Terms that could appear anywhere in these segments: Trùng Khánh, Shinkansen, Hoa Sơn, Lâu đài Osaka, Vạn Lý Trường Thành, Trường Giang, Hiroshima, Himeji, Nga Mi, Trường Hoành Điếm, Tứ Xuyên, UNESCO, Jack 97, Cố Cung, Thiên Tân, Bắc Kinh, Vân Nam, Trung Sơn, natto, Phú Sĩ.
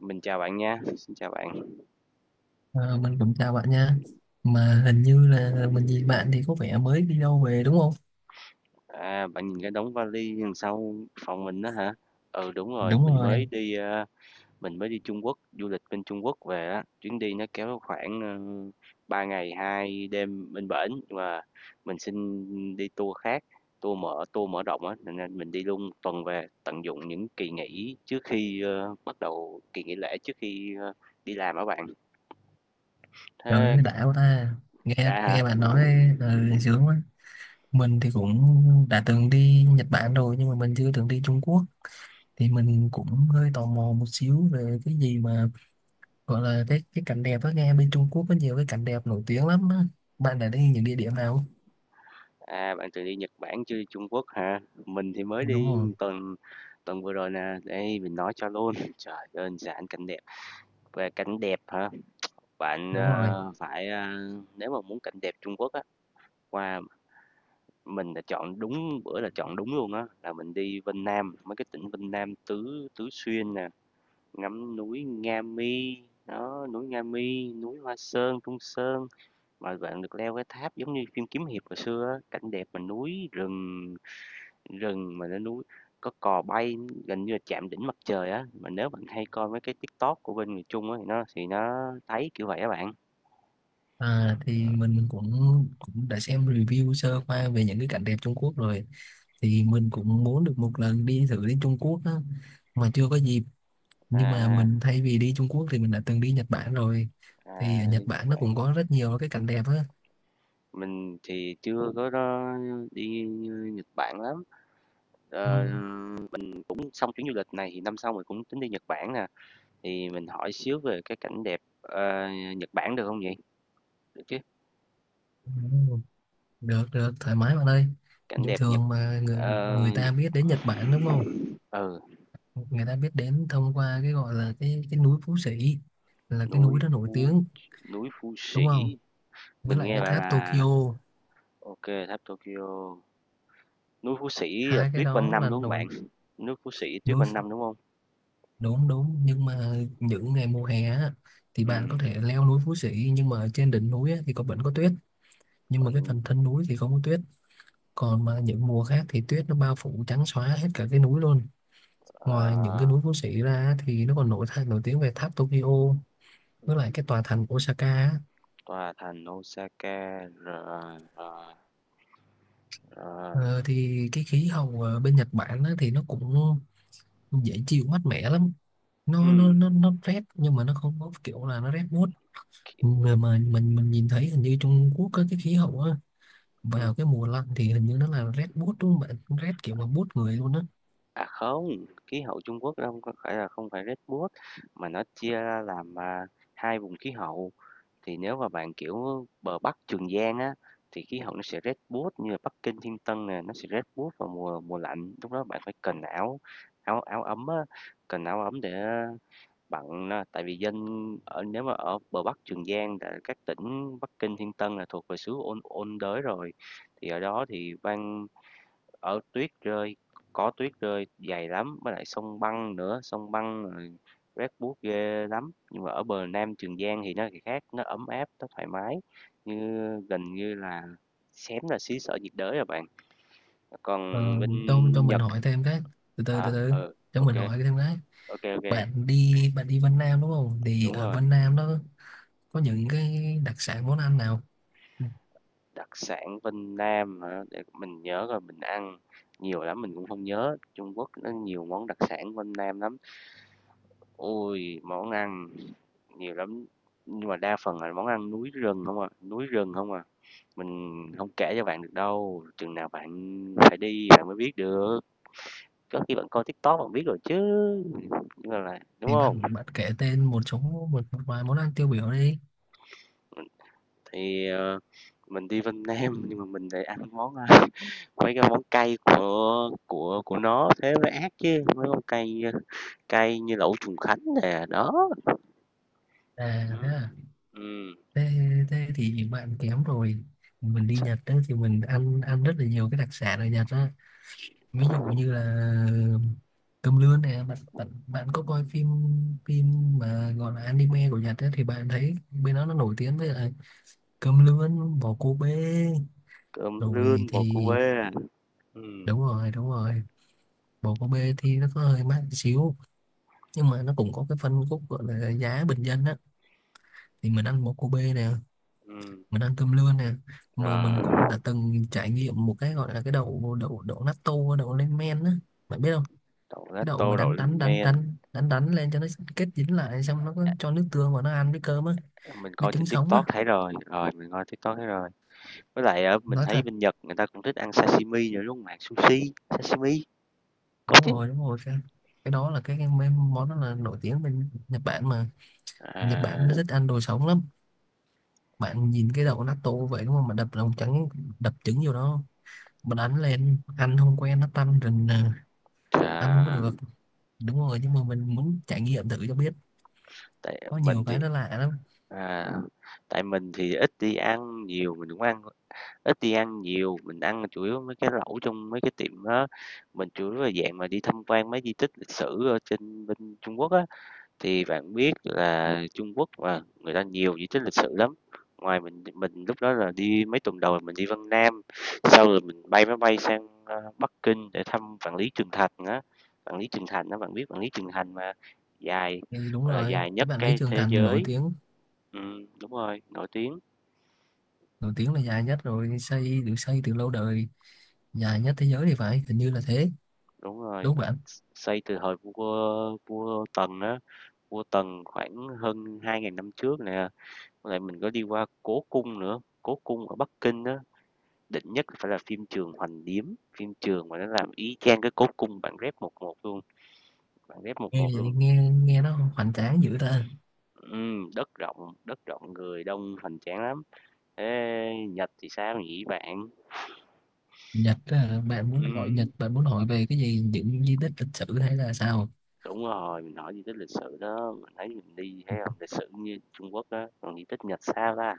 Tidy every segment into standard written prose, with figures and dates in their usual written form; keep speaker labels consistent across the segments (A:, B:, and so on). A: Mình chào bạn nha, xin chào bạn.
B: Ờ, mình cũng chào bạn nha, mà hình như là mình gì bạn thì có vẻ mới đi đâu về đúng không?
A: À, bạn nhìn cái đống vali đằng sau phòng mình đó hả? Ừ, đúng rồi,
B: Đúng
A: mình
B: rồi.
A: mới đi, mình mới đi Trung Quốc, du lịch bên Trung Quốc về á, chuyến đi nó kéo khoảng, 3 ngày 2 đêm bên bển, và mình xin đi tour khác, tour mở rộng á, nên ra mình đi luôn 1 tuần về, tận dụng những kỳ nghỉ trước khi, bắt đầu kỳ nghỉ lễ trước khi, đi làm á bạn.
B: Trời
A: Thế
B: ơi đã quá ta, nghe
A: đã hả?
B: nghe bạn nói. ờ, Sướng quá. Mình thì cũng đã từng đi Nhật Bản rồi nhưng mà mình chưa từng đi Trung Quốc, thì mình cũng hơi tò mò một xíu về cái gì mà gọi là cái cảnh đẹp á, nghe bên Trung Quốc có nhiều cái cảnh đẹp nổi tiếng lắm á. Bạn đã đi những địa điểm nào?
A: À, bạn từng đi Nhật Bản chưa, Trung Quốc hả? Mình thì mới
B: Đúng
A: đi
B: rồi,
A: tuần tuần vừa rồi nè. Đây mình nói cho luôn. Trời đơn giản cảnh đẹp. Về cảnh đẹp hả? Bạn
B: đúng rồi.
A: phải nếu mà muốn cảnh đẹp Trung Quốc á, qua mình đã chọn đúng bữa là chọn đúng luôn á, là mình đi Vân Nam, mấy cái tỉnh Vân Nam Tứ Tứ Xuyên nè, ngắm núi Nga Mi. Đó, núi Nga Mi, núi Hoa Sơn, Trung Sơn mà bạn được leo cái tháp giống như phim kiếm hiệp hồi xưa á, cảnh đẹp mà núi rừng Rừng mà lên núi, có cò bay gần như là chạm đỉnh mặt trời á, mà nếu bạn hay coi mấy cái TikTok của bên người Trung á thì nó thấy kiểu vậy á bạn.
B: À, thì mình cũng cũng đã xem review sơ qua về những cái cảnh đẹp Trung Quốc rồi, thì mình cũng muốn được một lần đi thử đến Trung Quốc á mà chưa có dịp. Nhưng mà
A: À,
B: mình thay vì đi Trung Quốc thì mình đã từng đi Nhật Bản rồi, thì
A: à,
B: ở Nhật
A: đi Nhật
B: Bản nó cũng
A: Bản,
B: có rất nhiều cái cảnh đẹp á.
A: mình thì chưa có đó, đi Nhật Bản lắm.
B: Ừ.
A: Ờ, mình cũng xong chuyến du lịch này thì năm sau mình cũng tính đi Nhật Bản nè. Thì mình hỏi xíu về cái cảnh đẹp Nhật Bản được không vậy? Được chứ?
B: Ừ, được được thoải mái bạn ơi.
A: Cảnh
B: Nhưng
A: đẹp Nhật
B: thường mà người
A: ờ,
B: người
A: Nhật
B: ta biết đến Nhật Bản đúng không,
A: ừ,
B: người ta biết đến thông qua cái gọi là cái núi Phú Sĩ, là cái
A: núi
B: núi đó nổi
A: Phu
B: tiếng
A: núi Phu
B: đúng
A: Sĩ.
B: không, với
A: Mình
B: lại
A: nghe
B: cái
A: bạn
B: tháp Tokyo.
A: là OK, tháp Tokyo, núi Phú Sĩ là
B: Hai cái
A: tuyết quanh
B: đó
A: năm
B: là
A: đúng không
B: đồi
A: bạn? Núi Phú Sĩ tuyết
B: núi.
A: quanh năm đúng không?
B: Đúng đúng, nhưng mà những ngày mùa hè á, thì bạn
A: Ừ,
B: có thể leo núi Phú Sĩ nhưng mà trên đỉnh núi á, thì có vẫn có tuyết, nhưng mà cái
A: còn
B: phần thân núi thì không có tuyết. Còn mà những mùa khác thì tuyết nó bao phủ trắng xóa hết cả cái núi luôn. Ngoài những cái
A: ờ,
B: núi Phú Sĩ ra á, thì nó còn nổi thay nổi tiếng về tháp Tokyo với lại cái tòa thành Osaka á.
A: tòa thành Osaka, rồi rồi rồi.
B: Ờ, thì cái khí hậu ở bên Nhật Bản á, thì nó cũng dễ chịu mát mẻ lắm. nó nó
A: Ừm,
B: nó nó rét nhưng mà nó không có kiểu là nó rét buốt,
A: ki-
B: mà mình nhìn thấy hình như Trung Quốc có cái khí hậu á,
A: ừm.
B: vào cái mùa lạnh thì hình như nó là rét buốt đúng không bạn? Rét kiểu mà buốt người luôn á.
A: À không, khí hậu Trung Quốc đâu có phải là không phải Red Bull mà nó chia ra làm hai vùng khí hậu. Thì nếu mà bạn, kiểu, bờ Bắc Trường Giang á, thì khí hậu nó sẽ rét buốt như là Bắc Kinh, Thiên Tân nè, nó sẽ rét buốt vào mùa mùa lạnh, lúc đó bạn phải cần áo áo áo ấm á, cần áo ấm để bạn á. Tại vì dân ở nếu mà ở bờ Bắc Trường Giang tại các tỉnh Bắc Kinh, Thiên Tân là thuộc về xứ ôn ôn đới rồi, thì ở đó thì ban ở tuyết rơi, có tuyết rơi dày lắm, với lại sông băng nữa, sông băng rét buốt ghê lắm. Nhưng mà ở bờ Nam Trường Giang thì nó khác, nó ấm áp, nó thoải mái, như gần như là xém là xứ sở nhiệt đới rồi bạn. Còn
B: Ờ,
A: bên
B: cho mình
A: Nhật
B: hỏi thêm cái, từ từ
A: hả?
B: từ từ
A: Ừ,
B: cho
A: ok,
B: mình hỏi thêm cái,
A: ok, ok,
B: bạn đi Vân Nam đúng không, thì
A: đúng
B: ở
A: rồi.
B: Vân Nam nó có những cái đặc sản món ăn nào? Ừ,
A: Đặc sản bên Nam hả? Để mình nhớ rồi mình ăn nhiều lắm mình cũng không nhớ. Trung Quốc nó nhiều món đặc sản bên Nam lắm. Ôi, món ăn nhiều lắm, nhưng mà đa phần là món ăn núi rừng không à, núi rừng không à. Mình không kể cho bạn được đâu, chừng nào bạn phải đi bạn mới biết được. Có khi bạn coi TikTok bạn biết rồi chứ, nhưng mà là đúng
B: thì
A: không?
B: bạn bạn kể tên một số, một, một vài món ăn tiêu biểu đi.
A: Thì, mình đi Vân Nam nhưng mà mình lại ăn món, mấy cái món cay của nó thế mới ác chứ, mấy món cay, cay như lẩu Trùng Khánh nè, đó.
B: À thế
A: Ừm,
B: à.
A: ừm,
B: Thế, thế thì bạn kém rồi. Mình đi Nhật đó thì mình ăn ăn rất là nhiều cái đặc sản ở Nhật đó, ví dụ như là cơm lươn này. Bạn bạn bạn có coi phim, phim mà gọi là anime của Nhật ấy, thì bạn thấy bên đó nó nổi tiếng với lại cơm lươn bò cô bê,
A: cơm lươn
B: rồi
A: bò cu
B: thì
A: bê, ừm,
B: đúng rồi, đúng rồi. Bò cô bê thì nó có hơi mắc xíu, nhưng mà nó cũng có cái phân khúc gọi là giá bình dân á, thì mình ăn bò cô bê nè,
A: ừm.
B: mình ăn cơm lươn nè, mà mình cũng
A: Rồi
B: đã từng trải nghiệm một cái gọi là cái đậu đậu đậu natto, đậu lên men á. Bạn biết
A: đậu
B: cái đậu
A: gato
B: mà
A: đậu
B: đánh đánh
A: lên
B: đánh
A: men,
B: đánh đánh đánh lên cho nó kết dính lại, xong nó có cho nước tương vào nó ăn với cơm á,
A: mình
B: với
A: coi
B: trứng
A: trên
B: sống á.
A: TikTok thấy rồi, với lại ở mình
B: Nói
A: thấy
B: thật,
A: bên Nhật người ta cũng thích ăn sashimi nữa đúng không bạn, sushi sashimi có
B: đúng
A: chứ.
B: rồi đúng rồi, cái đó là món đó là nổi tiếng bên Nhật Bản mà. Nhật
A: À,
B: Bản nó thích ăn đồ sống lắm. Bạn nhìn cái đậu natto vậy đúng không, mà đập lòng trắng, đập trứng vô đó mà đánh lên, ăn không quen nó tanh rình à, ăn không có
A: à
B: được. Đúng rồi nhưng mà mình muốn trải nghiệm thử cho biết,
A: tại
B: có
A: mình
B: nhiều
A: thì
B: cái nó lạ lắm.
A: à, tại mình thì ít đi ăn nhiều mình cũng ăn ít đi ăn nhiều mình ăn chủ yếu mấy cái lẩu trong mấy cái tiệm đó, mình chủ yếu là dạng mà đi tham quan mấy di tích lịch sử ở trên bên Trung Quốc á. Thì bạn biết là Trung Quốc mà, người ta nhiều di tích lịch sử lắm. Ngoài mình lúc đó là đi mấy tuần đầu là mình đi Vân Nam, sau rồi mình bay máy bay sang, Bắc Kinh để thăm Vạn Lý Trường Thành á. Vạn Lý Trường Thành đó bạn biết Vạn Lý Trường Thành mà, dài,
B: Thì đúng
A: gọi là,
B: rồi
A: dài
B: cái
A: nhất
B: bạn Lý
A: cái
B: Trường
A: thế
B: Thành nổi
A: giới.
B: tiếng,
A: Đúng rồi, nổi tiếng,
B: nổi tiếng là dài nhất, rồi xây được xây từ lâu đời, dài nhất thế giới thì phải, hình như là thế
A: đúng rồi,
B: đúng không bạn?
A: xây từ thời vua vua Tần á, vua Tần khoảng hơn 2.000 năm trước nè. Với lại mình có đi qua Cố Cung nữa, Cố Cung ở Bắc Kinh đó, định nhất phải là phim Trường Hoành Điếm, phim Trường mà nó làm y chang cái cốt cung bản ghép một
B: nghe
A: một
B: vậy
A: luôn.
B: nghe nghe nó hoành tráng dữ ta.
A: Đất rộng người đông hoành tráng lắm. Thế Nhật thì sao nhỉ bạn?
B: Nhật á, bạn muốn hỏi Nhật,
A: Ừm,
B: bạn muốn hỏi về cái gì, những di tích lịch sử hay là sao?
A: đúng rồi, mình hỏi gì tích lịch sử đó, mình thấy mình đi thấy không lịch sử như Trung Quốc đó, còn di tích Nhật sao ta?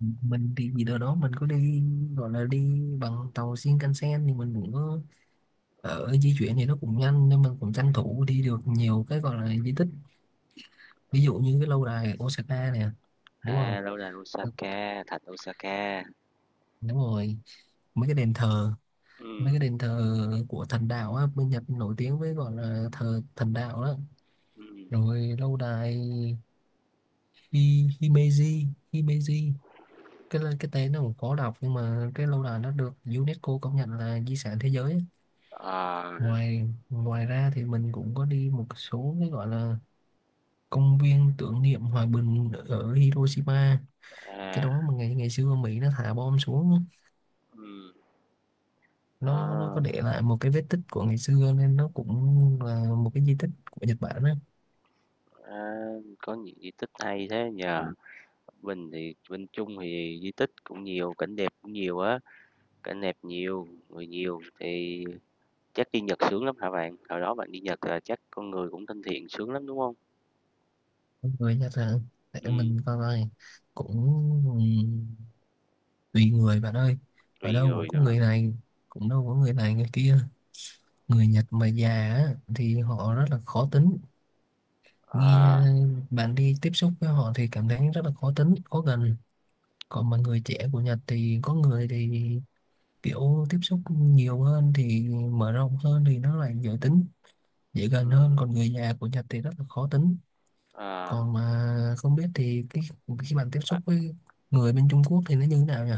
B: Mình đi gì đâu đó, mình có đi gọi là đi bằng tàu Shinkansen thì mình cũng có ở di chuyển thì nó cũng nhanh, nên mình cũng tranh thủ đi được nhiều cái gọi là di tích, ví dụ như cái lâu đài Osaka nè, đúng không?
A: À, lâu đài Osaka, thạch Osaka.
B: Đúng rồi. Mấy cái đền thờ, mấy
A: Ừm,
B: cái đền thờ của thần đạo á, bên Nhật nổi tiếng với gọi là thờ thần đạo đó.
A: ừm.
B: Rồi lâu đài Himeji, Himeji, cái tên nó cũng khó đọc nhưng mà cái lâu đài nó được UNESCO công nhận là di sản thế giới á.
A: Ờ,
B: Ngoài Ngoài ra thì mình cũng có đi một số cái gọi là công viên tưởng niệm hòa bình ở Hiroshima, cái
A: à,
B: đó mà ngày ngày xưa Mỹ nó thả bom xuống,
A: ừm,
B: nó
A: ờ,
B: có để lại một cái vết tích của ngày xưa nên nó cũng là một cái di tích của Nhật Bản á.
A: à, có những di tích hay thế nhờ? Bình thì bên Trung thì di tích cũng nhiều, cảnh đẹp cũng nhiều á, cảnh đẹp nhiều, người nhiều thì chắc đi Nhật sướng lắm hả bạn? Hồi đó bạn đi Nhật là chắc con người cũng thân thiện sướng lắm, đúng không?
B: Mọi người nhắc là để
A: Ừ,
B: mình coi coi, cũng tùy người bạn ơi, ở
A: tùy
B: đâu cũng
A: người
B: có
A: nữa hả?
B: người này, cũng đâu có người này người kia. Người Nhật mà già á, thì họ rất là khó tính. Nghe
A: À,
B: bạn đi tiếp xúc với họ thì cảm thấy rất là khó tính khó gần. Còn mà người trẻ của Nhật thì có người thì kiểu tiếp xúc nhiều hơn thì mở rộng hơn thì nó lại dễ tính, dễ gần hơn.
A: ừm,
B: Còn người già của Nhật thì rất là khó tính.
A: à,
B: Còn mà không biết thì cái khi bạn tiếp
A: à,
B: xúc với người bên Trung Quốc thì nó như thế nào nhỉ,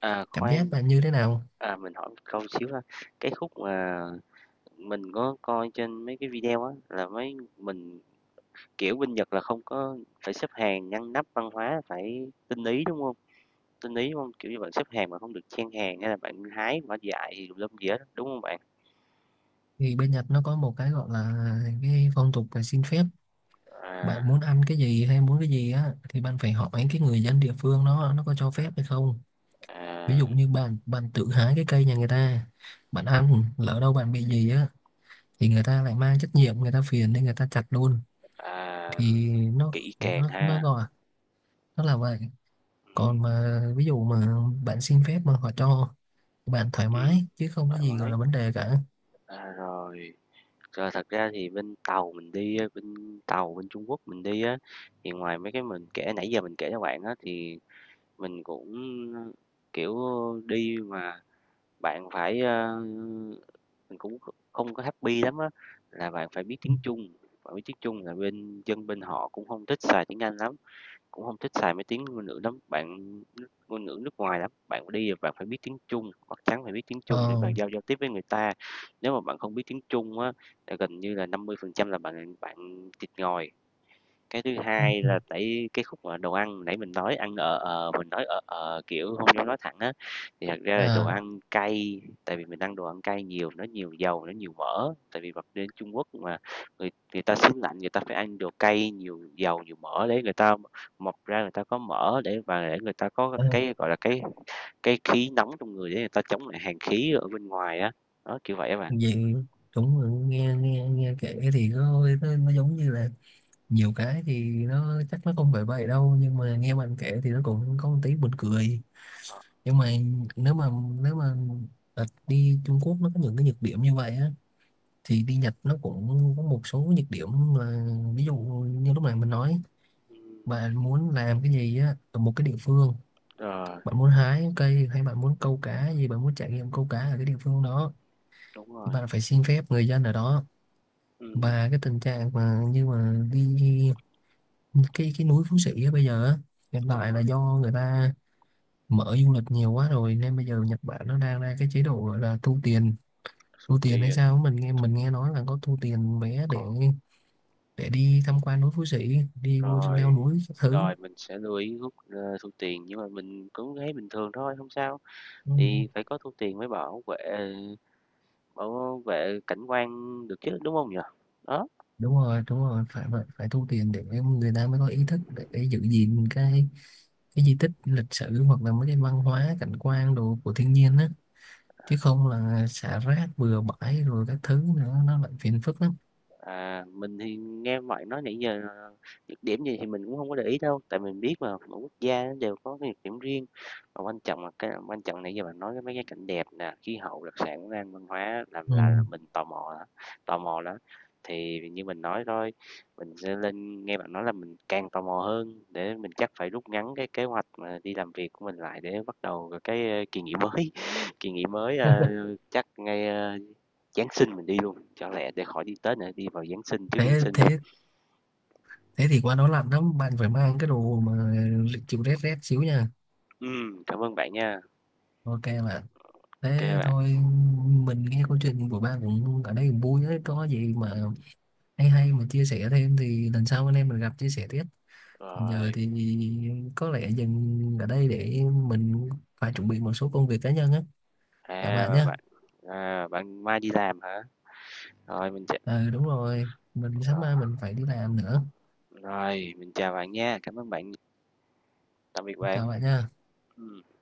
B: cảm giác
A: khoan,
B: là như thế nào?
A: à, mình hỏi một câu xíu ha, cái khúc mà mình có coi trên mấy cái video á, là mấy mình kiểu, bên Nhật là không có phải xếp hàng ngăn nắp văn hóa, phải tinh ý, đúng không? Tinh ý đúng. Kiểu như, bạn xếp hàng mà không được chen hàng hay là bạn hái quả dại gì tùm lum gì hết, đúng không bạn?
B: Thì bên Nhật nó có một cái gọi là cái phong tục là xin phép,
A: À,
B: bạn muốn ăn cái gì hay muốn cái gì á thì bạn phải hỏi cái người dân địa phương, nó có cho phép hay không. Ví
A: à,
B: dụ như bạn bạn tự hái cái cây nhà người ta, bạn ăn lỡ đâu bạn bị gì á, thì người ta lại mang trách nhiệm, người ta phiền nên người ta chặt luôn.
A: à,
B: Thì nó
A: kỹ càng
B: nó nó
A: ha,
B: gọi nó là vậy. Còn mà ví dụ mà bạn xin phép mà họ cho, bạn thoải
A: ừm,
B: mái chứ không có
A: thoải
B: gì gọi
A: mái.
B: là vấn đề cả.
A: À, rồi, rồi thật ra thì bên Tàu bên Trung Quốc mình đi á, thì ngoài mấy cái mình kể nãy giờ mình kể cho bạn á, thì mình cũng, kiểu, đi mà bạn phải, mình cũng không có happy lắm á, là bạn phải biết tiếng Trung. Bạn biết tiếng Trung là bên dân bên họ cũng không thích xài tiếng Anh lắm, cũng không thích xài mấy tiếng ngôn ngữ lắm, ngôn ngữ nước ngoài lắm. Bạn đi là bạn phải biết tiếng Trung, chắc chắn phải biết tiếng Trung để
B: Ờ.
A: bạn giao giao tiếp với người ta. Nếu mà bạn không biết tiếng Trung á, là gần như là 50% là bạn bạn thịt ngòi. Cái thứ hai là tại cái khúc mà đồ ăn nãy mình nói ăn ở mình nói ở kiểu không dám nói thẳng á, thì thật ra là đồ
B: À,
A: ăn cay, tại vì mình ăn đồ ăn cay nhiều, nó nhiều dầu, nó nhiều mỡ, tại vì bật đến Trung Quốc mà người người ta xứ lạnh người ta phải ăn đồ cay, nhiều dầu, nhiều mỡ để người ta mọc ra người ta có mỡ để và để người ta có
B: ờ.
A: cái, gọi là, cái khí nóng trong người để người ta chống lại hàn khí ở bên ngoài á, đó, kiểu vậy á bạn.
B: Vậy, cũng là nghe nghe nghe kể thì nó giống như là nhiều cái thì nó chắc nó không phải vậy đâu, nhưng mà nghe bạn kể thì nó cũng có một tí buồn cười. Nhưng mà nếu mà nếu mà đi Trung Quốc nó có những cái nhược điểm như vậy á, thì đi Nhật nó cũng có một số nhược điểm, là ví dụ như lúc này mình nói, bạn muốn làm cái gì á ở một cái địa phương,
A: Ờ,
B: bạn muốn hái cây hay bạn muốn câu cá gì, bạn muốn trải nghiệm câu cá ở cái địa phương đó,
A: đúng
B: thì
A: rồi.
B: bạn phải xin phép người dân ở đó. Và cái tình trạng mà như mà đi cái núi Phú Sĩ á bây giờ á, hiện tại là do người ta mở du lịch nhiều quá rồi, nên bây giờ Nhật Bản nó đang ra cái chế độ gọi là thu tiền, thu tiền hay sao á, mình nghe, mình nghe nói là có thu tiền vé để đi tham quan núi Phú Sĩ, đi vô leo
A: Rồi,
B: núi các thứ.
A: rồi mình sẽ lưu ý rút, thu tiền nhưng mà mình cũng thấy bình thường thôi, không sao,
B: Ừ.
A: thì phải có thu tiền mới bảo vệ cảnh quan được chứ, đúng không nhỉ? Đó.
B: Đúng rồi đúng rồi, phải vậy, phải thu tiền để người ta mới có ý thức để giữ gìn cái di tích lịch sử hoặc là mấy cái văn hóa cảnh quan đồ của thiên nhiên á, chứ không là xả rác bừa bãi rồi các thứ nữa nó lại phiền phức lắm.
A: À, mình thì nghe bạn nói nãy giờ nhược điểm gì thì mình cũng không có để ý đâu, tại mình biết mà mỗi quốc gia nó đều có cái nhược điểm riêng. Và quan trọng nãy giờ bạn nói cái mấy cái cảnh đẹp nè, khí hậu, đặc sản, món ăn, văn hóa là
B: Ừ.
A: là là mình tò mò đó, tò mò đó. Thì như mình nói thôi, mình sẽ lên nghe bạn nói là mình càng tò mò hơn, để mình chắc phải rút ngắn cái kế hoạch mà đi làm việc của mình lại để bắt đầu cái, kỳ nghỉ mới. Kỳ nghỉ mới, ờ, chắc ngay, Giáng sinh mình đi luôn, cho lẹ để khỏi đi Tết nữa, đi vào Giáng sinh, trước Giáng
B: thế
A: sinh luôn.
B: Thế, thế thì qua đó lạnh lắm, bạn phải mang cái đồ mà chịu rét, rét xíu nha.
A: Cảm ơn bạn nha. Ok
B: Ok bạn, thế
A: bạn.
B: thôi, mình nghe câu chuyện của bạn cũng ở đây cũng vui đấy, có gì mà hay hay mà chia sẻ thêm thì lần sau anh em mình gặp chia sẻ tiếp. Còn giờ
A: Rồi,
B: thì có lẽ dừng ở đây để mình phải chuẩn bị một số công việc cá nhân á, chào bạn
A: à,
B: nhé.
A: bạn, à, bạn mai đi làm hả? Rồi, mình sẽ,
B: Ừ đúng rồi, mình sáng
A: à,
B: mai mình phải đi làm nữa.
A: rồi, mình chào bạn nha, cảm ơn bạn, tạm biệt bạn.
B: Chào bạn nha.
A: Ừm.